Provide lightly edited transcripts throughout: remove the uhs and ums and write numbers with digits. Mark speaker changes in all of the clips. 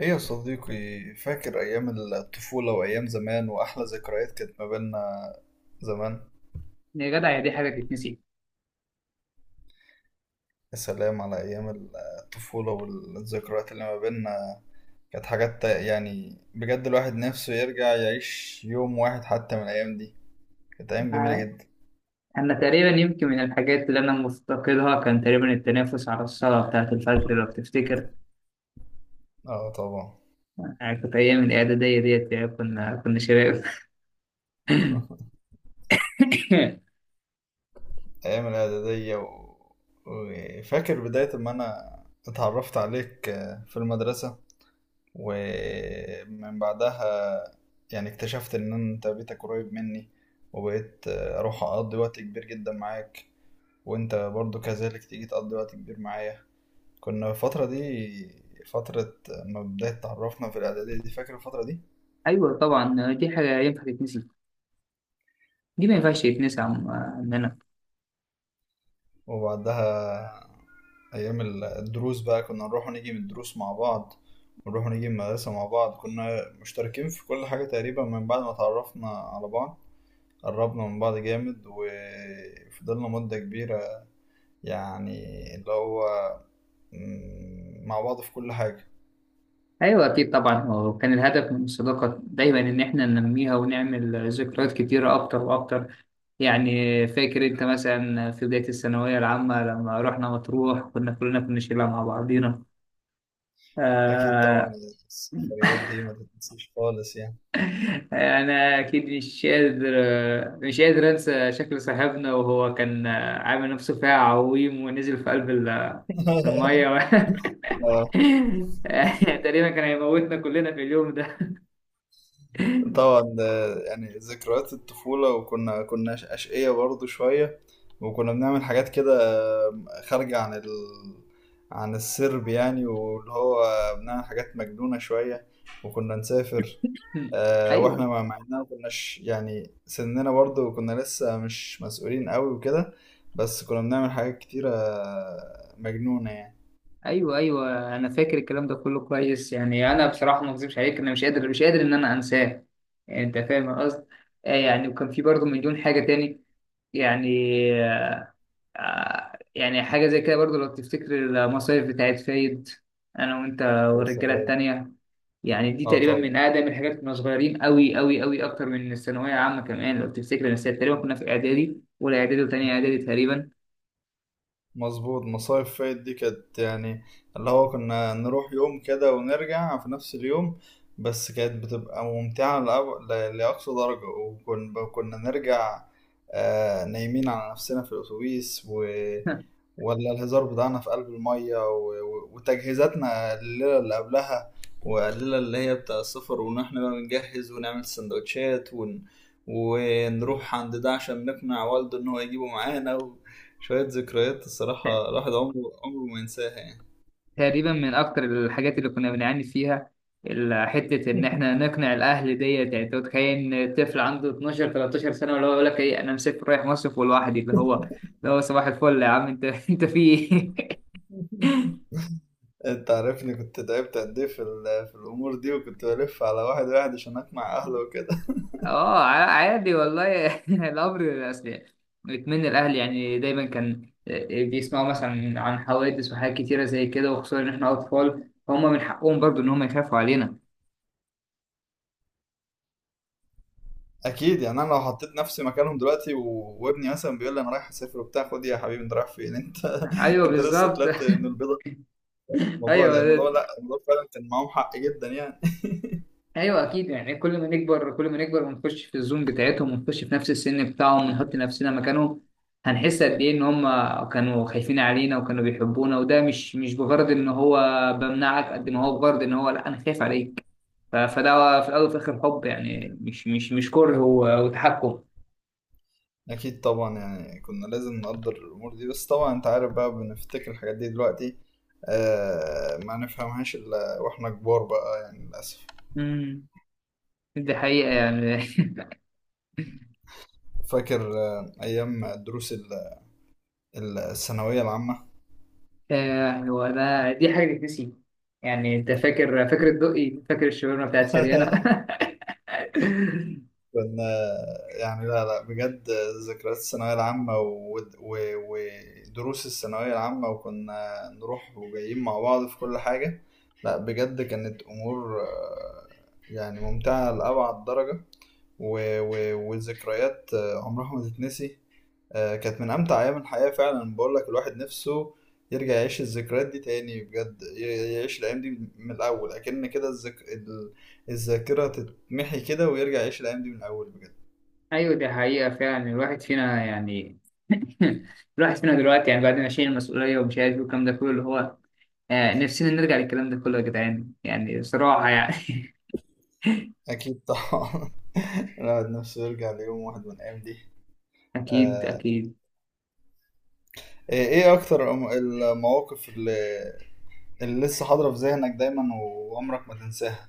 Speaker 1: ايه يا صديقي، فاكر ايام الطفولة وايام زمان واحلى ذكريات كانت ما بيننا زمان.
Speaker 2: يا جدع، يا دي حاجة تتنسي؟
Speaker 1: يا سلام على ايام الطفولة والذكريات اللي ما بيننا، كانت حاجات يعني بجد الواحد نفسه يرجع يعيش يوم واحد حتى من الايام دي. كانت ايام جميلة
Speaker 2: آه.
Speaker 1: جدا.
Speaker 2: أنا تقريبا يمكن من الحاجات اللي أنا مفتقدها كان تقريبا التنافس على الصلاة بتاعة الفجر لو تفتكر.
Speaker 1: اه طبعا.
Speaker 2: كانت أيام الإعدادية ديت، كنا شباب.
Speaker 1: ايام الاعدادية وفاكر بداية ما انا اتعرفت عليك، في المدرسة. ومن بعدها يعني اكتشفت ان انت بيتك قريب مني، وبقيت اروح اقضي وقت كبير جدا معاك. وانت برضو كذلك تيجي تقضي وقت كبير معايا. كنا الفترة دي فترة ما بداية تعرفنا في الإعدادية دي. فاكر الفترة دي؟
Speaker 2: أيوه طبعا، دي حاجة ينفع تتنسي؟ دي ما ينفعش تتنسي عننا.
Speaker 1: وبعدها أيام الدروس بقى كنا نروح ونيجي من الدروس مع بعض، ونروح ونيجي من المدرسة مع بعض. كنا مشتركين في كل حاجة تقريبا من بعد ما تعرفنا على بعض. قربنا من بعض جامد وفضلنا مدة كبيرة، يعني اللي هو مع بعض في كل حاجة.
Speaker 2: أيوه أكيد طبعا، هو كان الهدف من الصداقة دايما إن إحنا ننميها ونعمل ذكريات كتيرة أكتر وأكتر. يعني فاكر أنت مثلا في بداية الثانوية العامة لما رحنا مطروح، كنا كلنا كنا شلة مع بعضينا.
Speaker 1: أكيد طبعا.
Speaker 2: آه،
Speaker 1: السفريات دي ما تتنسيش خالص يعني.
Speaker 2: انا اكيد مش قادر، انسى شكل صاحبنا وهو كان عامل نفسه فيها عويم ونزل في قلب الميه. و... تقريبا كان هيموتنا كلنا في اليوم ده.
Speaker 1: طبعا، يعني ذكريات الطفولة، وكنا أشقية برضو شوية. وكنا بنعمل حاجات كده، آه، خارجة عن السرب، يعني واللي هو بنعمل حاجات مجنونة شوية، وكنا نسافر. واحنا
Speaker 2: ايوه
Speaker 1: مع اننا ما كناش يعني سننا، برضو كنا لسه مش مسؤولين قوي وكده. بس كنا بنعمل حاجات كتيرة مجنونة يعني.
Speaker 2: ايوه ايوه، انا فاكر الكلام ده كله كويس. يعني انا بصراحه ما اكذبش عليك، انا مش قادر، ان انا انساه. يعني انت فاهم القصد. يعني وكان في برضه مليون حاجه تاني. يعني، يعني حاجة زي كده برضو لو تفتكر المصايف بتاعت فايد، أنا وأنت
Speaker 1: يا
Speaker 2: والرجالة
Speaker 1: سلام.
Speaker 2: التانية. يعني دي
Speaker 1: اه
Speaker 2: تقريبا
Speaker 1: طبعا
Speaker 2: من أقدم الحاجات، كنا صغيرين أوي أوي أوي، أكتر من الثانوية عامة كمان لو تفتكر، بس تقريبا كنا في إعدادي أولى، إعدادي وتانية إعدادي تقريبا.
Speaker 1: مظبوط. مصايف فايت دي كانت يعني اللي هو كنا نروح يوم كده ونرجع في نفس اليوم. بس كانت بتبقى ممتعة لأقصى درجة، وكنا نرجع نايمين على نفسنا في الأتوبيس ولا الهزار بتاعنا في قلب المية وتجهيزاتنا الليلة اللي قبلها، والليلة اللي هي بتاع السفر، وإن إحنا بقى بنجهز ونعمل سندوتشات ونروح عند ده عشان نقنع والده إن هو يجيبه معانا. وشوية ذكريات،
Speaker 2: ت-
Speaker 1: الصراحة الواحد عمره ما ينساها يعني.
Speaker 2: تقريبا من أكتر الحاجات اللي كنا بنعاني فيها حتة إن إحنا نقنع الأهل ديت. يعني أنت متخيل إن طفل عنده 12 13 سنة اللي هو يقول لك إيه، أنا مسافر رايح مصيف لوحدي؟ اللي هو صباح الفل يا عم. أنت أنت في إيه؟
Speaker 1: أنت عارفني كنت تعبت قد إيه في الأمور دي، وكنت بلف على واحد واحد عشان أقنع أهله وكده.
Speaker 2: اه عادي والله. الامر اصل اتمنى الاهلي، يعني دايما كان، بيسمعوا مثلا عن حوادث وحاجات كتيره زي كده، وخصوصا ان احنا اطفال، فهم من حقهم برضو ان هم يخافوا علينا.
Speaker 1: اكيد يعني انا لو حطيت نفسي مكانهم دلوقتي وابني مثلا بيقول لي انا رايح اسافر وبتاع، خد يا حبيبي انت رايح فين انت؟
Speaker 2: ايوه
Speaker 1: انت لسه
Speaker 2: بالظبط.
Speaker 1: طلعت من البيضه في الموضوع
Speaker 2: ايوه
Speaker 1: لا الموضوع لا الموضوع فعلا كان معاهم حق جدا يعني.
Speaker 2: ايوه اكيد. يعني كل ما نكبر كل ما نكبر ونخش في الزوم بتاعتهم ونخش في نفس السن بتاعهم ونحط نفسنا مكانهم، هنحس قد ايه ان هم كانوا خايفين علينا وكانوا بيحبونا. وده مش بغرض ان هو بمنعك، قد ما هو بغرض ان هو لا، انا خايف عليك. فده في الأول وفي الآخر حب، يعني مش كره وتحكم.
Speaker 1: اكيد طبعا، يعني كنا لازم نقدر الامور دي، بس طبعا انت عارف بقى بنفتكر الحاجات دي دلوقتي، ما نفهمهاش الا واحنا كبار بقى يعني، للاسف.
Speaker 2: امم دي حقيقة يعني.
Speaker 1: فاكر ايام دروس الثانويه العامه؟
Speaker 2: هو ده، دي حاجة تتنسي؟ يعني أنت فاكر الدقي، فاكر الشاورما بتاعت سريانا.
Speaker 1: كنا يعني، لا لا بجد، ذكريات الثانوية العامة ودروس الثانوية العامة، وكنا نروح وجايين مع بعض في كل حاجة. لا بجد، كانت أمور يعني ممتعة لأبعد درجة، وذكريات عمرها ما تتنسي. كانت من أمتع أيام الحياة فعلا، بقول لك الواحد نفسه يرجع يعيش الذكريات دي تاني، بجد يعيش الأيام دي من الأول، أكن كده الذاكرة تتمحي كده، ويرجع يعيش الأيام دي من الأول بجد.
Speaker 2: أيوة دي حقيقة فعلا. الواحد فينا يعني، الواحد فينا دلوقتي يعني بعد ما شايل المسؤولية ومش عارف إيه والكلام ده كله، اللي هو نفسنا نرجع للكلام ده كله يا جدعان، يعني بصراحة يعني.
Speaker 1: أكيد طبعا. الواحد نفسه يرجع ليوم واحد من الأيام دي.
Speaker 2: أكيد
Speaker 1: آه،
Speaker 2: أكيد.
Speaker 1: إيه أكتر المواقف اللي لسه حاضرة في ذهنك دايما وعمرك ما تنساها؟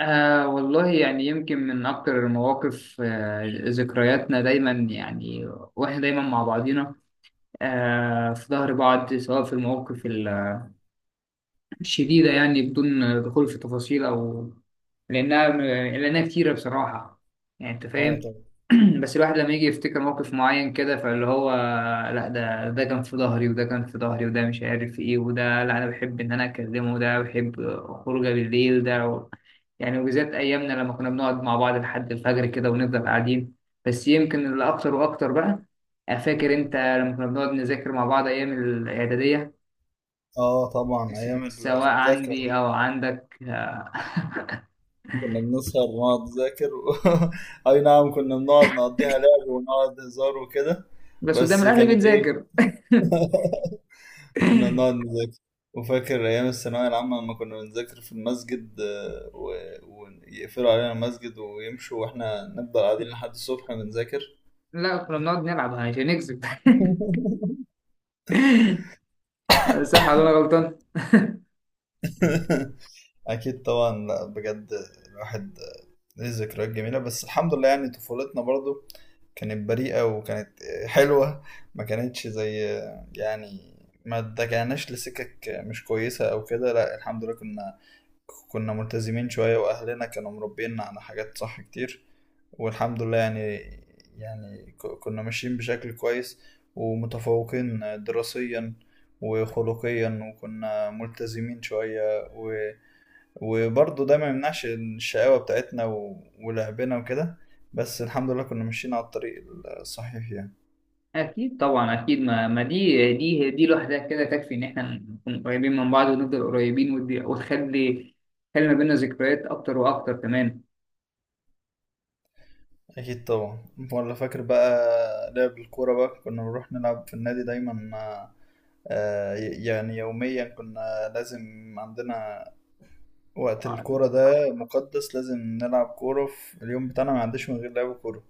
Speaker 2: والله يعني يمكن من أكتر المواقف، ذكرياتنا دايما يعني، وإحنا دايما مع بعضينا، في ظهر بعض، سواء في المواقف شديدة، يعني بدون دخول في تفاصيل، أو لأنها لأنها كتيرة بصراحة. يعني أنت
Speaker 1: آه
Speaker 2: فاهم.
Speaker 1: طبعا.
Speaker 2: بس الواحد لما يجي يفتكر موقف معين كده، فاللي هو لا، ده كان في ظهري، وده كان في ظهري، وده مش عارف إيه، وده لا أنا بحب إن أنا أكلمه، وده بحب خروجه بالليل ده. يعني وبالذات أيامنا لما كنا بنقعد مع بعض لحد الفجر كده ونفضل قاعدين. بس يمكن اللي أكتر وأكتر بقى، فاكر أنت لما كنا بنقعد نذاكر مع بعض أيام الإعدادية؟
Speaker 1: آه طبعا، أيام
Speaker 2: سواء
Speaker 1: المذاكرة
Speaker 2: عندي
Speaker 1: دي
Speaker 2: او عندك.
Speaker 1: كنا بنسهر ونقعد نذاكر أي نعم، كنا بنقعد نقضيها لعب ونقعد هزار وكده،
Speaker 2: بس قدام
Speaker 1: بس
Speaker 2: الاهل
Speaker 1: كانت إيه.
Speaker 2: بنذاكر.
Speaker 1: كنا بنقعد نذاكر. وفاكر أيام الثانوية العامة لما كنا بنذاكر في المسجد، ويقفلوا علينا المسجد ويمشوا وإحنا نفضل قاعدين لحد الصبح بنذاكر.
Speaker 2: لا، كنا بنقعد نلعب عشان نكسب. صح ولا انا غلطان؟
Speaker 1: أكيد طبعا. لا بجد، الواحد ليه ذكريات جميلة، بس الحمد لله، يعني طفولتنا برضو كانت بريئة وكانت حلوة. ما كانتش زي يعني، ما اتجهناش لسكك مش كويسة أو كده. لا الحمد لله، كنا ملتزمين شوية، وأهلنا كانوا مربينا على حاجات صح كتير. والحمد لله يعني، كنا ماشيين بشكل كويس، ومتفوقين دراسيا وخلقيا، وكنا ملتزمين شوية، وبرضه ده ما يمنعش الشقاوة بتاعتنا، ولعبنا وكده. بس الحمد لله كنا ماشيين على الطريق الصحيح يعني.
Speaker 2: اكيد طبعا، اكيد ما دي لوحدها كده تكفي ان احنا نكون قريبين من بعض ونفضل قريبين. ودي وتخلي ما بيننا ذكريات اكتر واكتر كمان.
Speaker 1: أكيد طبعا. ولا فاكر بقى لعب الكورة بقى؟ كنا بنروح نلعب في النادي دايما، يعني يوميا. كنا لازم عندنا وقت الكورة ده مقدس، لازم نلعب كورة في اليوم بتاعنا، ما عنديش من غير لعب كورة.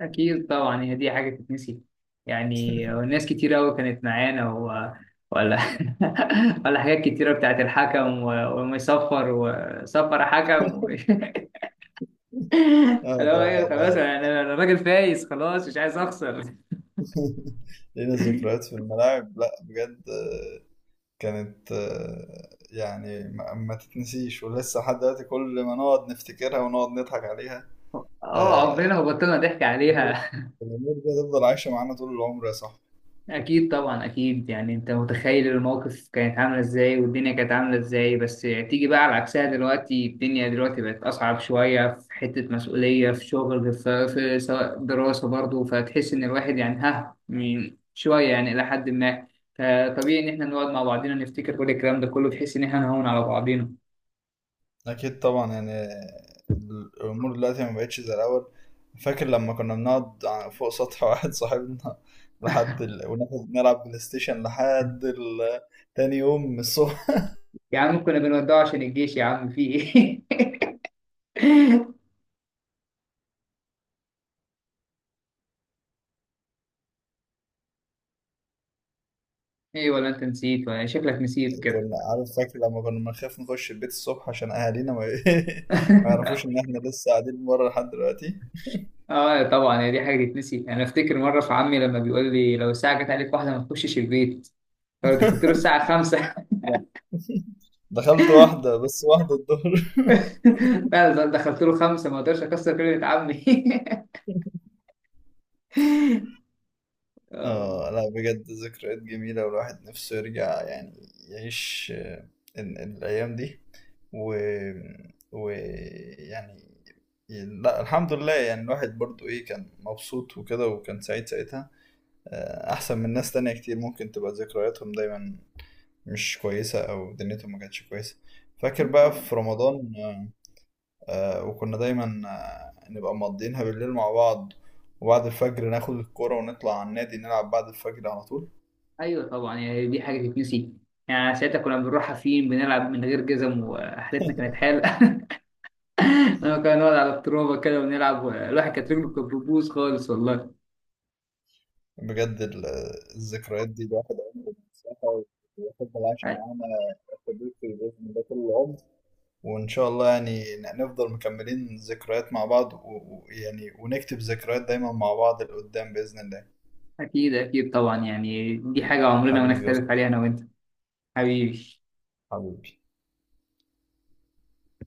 Speaker 2: أكيد طبعا، هي دي حاجة تتنسي؟ يعني ناس كتير أوي كانت معانا، و... ولا ولا حاجات كتيرة بتاعت الحكم، و... ومصفر وصفر حكم. و...
Speaker 1: اه
Speaker 2: اللي هو
Speaker 1: طبعا
Speaker 2: إيه، خلاص،
Speaker 1: لا.
Speaker 2: يعني أنا راجل فايز خلاص مش عايز أخسر.
Speaker 1: لينا ذكريات في الملاعب، لا بجد، كانت يعني ما تتنسيش، ولسه لحد دلوقتي كل ما نقعد نفتكرها ونقعد نضحك عليها.
Speaker 2: أه
Speaker 1: آه،
Speaker 2: عمرنا ما بطلنا ضحك
Speaker 1: الأمور
Speaker 2: عليها.
Speaker 1: الأمور دي هتفضل عايشة معانا طول العمر يا صاحبي.
Speaker 2: أكيد طبعا أكيد. يعني أنت متخيل الموقف كانت عاملة إزاي، والدنيا كانت عاملة إزاي، بس تيجي بقى على عكسها دلوقتي. الدنيا دلوقتي بقت أصعب شوية، في حتة مسؤولية، في شغل، في سواء دراسة برضه، فتحس إن الواحد يعني ها من شوية يعني إلى حد ما. فطبيعي إن إحنا نقعد مع بعضينا نفتكر كل الكلام ده كله، بحيث إن إحنا نهون على بعضينا.
Speaker 1: اكيد طبعا. يعني الامور دلوقتي ما بقتش زي الاول. فاكر لما كنا بنقعد فوق سطح واحد صاحبنا؟ وناخد نلعب بلاي ستيشن تاني يوم من الصبح.
Speaker 2: يا عم، كنا بنودعه عشان الجيش يا عم في إيه! إيه، ولا أنت نسيت، ولا شكلك نسيت كده؟
Speaker 1: كنا عارف، فاكر لما كنا بنخاف نخش البيت الصبح عشان اهالينا ما, ما يعرفوش ان احنا لسه قاعدين بره لحد دلوقتي.
Speaker 2: اه طبعا، هي دي حاجه تتنسي؟ انا افتكر مره في عمي لما بيقول لي لو الساعه جت عليك واحده ما تخشش البيت، فدخلت له الساعه 5.
Speaker 1: لا. دخلت واحدة، بس واحدة الظهر.
Speaker 2: فعلا دخلت له 5، ما اقدرش اكسر كلمه عمي. آه،
Speaker 1: اه لا بجد، ذكريات جميلة، والواحد نفسه يرجع يعني يعيش الأيام دي و... و يعني. لا الحمد لله يعني، الواحد برضو ايه كان مبسوط وكده، وكان سعيد ساعتها، أحسن من ناس تانية كتير ممكن تبقى ذكرياتهم دايما مش كويسة أو دنيتهم ما كانتش كويسة. فاكر بقى
Speaker 2: طبعا،
Speaker 1: في رمضان؟ وكنا دايما نبقى مقضيينها بالليل مع بعض، وبعد الفجر ناخد الكورة ونطلع على النادي نلعب بعد الفجر على طول.
Speaker 2: ايوه طبعا، يعني دي حاجه تتنسي؟ يعني ساعتها كنا بنروح حافيين بنلعب من غير جزم، وحالتنا كانت حاله. لما كنا نقعد على الترابه كده ونلعب، الواحد كانت رجله كانت بتبوظ خالص والله.
Speaker 1: بجد الذكريات دي الواحد عمره ما ينساها، ويفضل عايشة
Speaker 2: أ-
Speaker 1: معانا في البيت، بإذن الله طول العمر. وإن شاء الله يعني نفضل مكملين ذكريات مع بعض، ويعني ونكتب ذكريات دايما مع بعض لقدام بإذن الله.
Speaker 2: اكيد اكيد طبعا، يعني دي حاجه عمرنا ما
Speaker 1: حبيبي يا
Speaker 2: نختلف
Speaker 1: صديقي.
Speaker 2: عليها انا وانت حبيبي.
Speaker 1: حبيبي.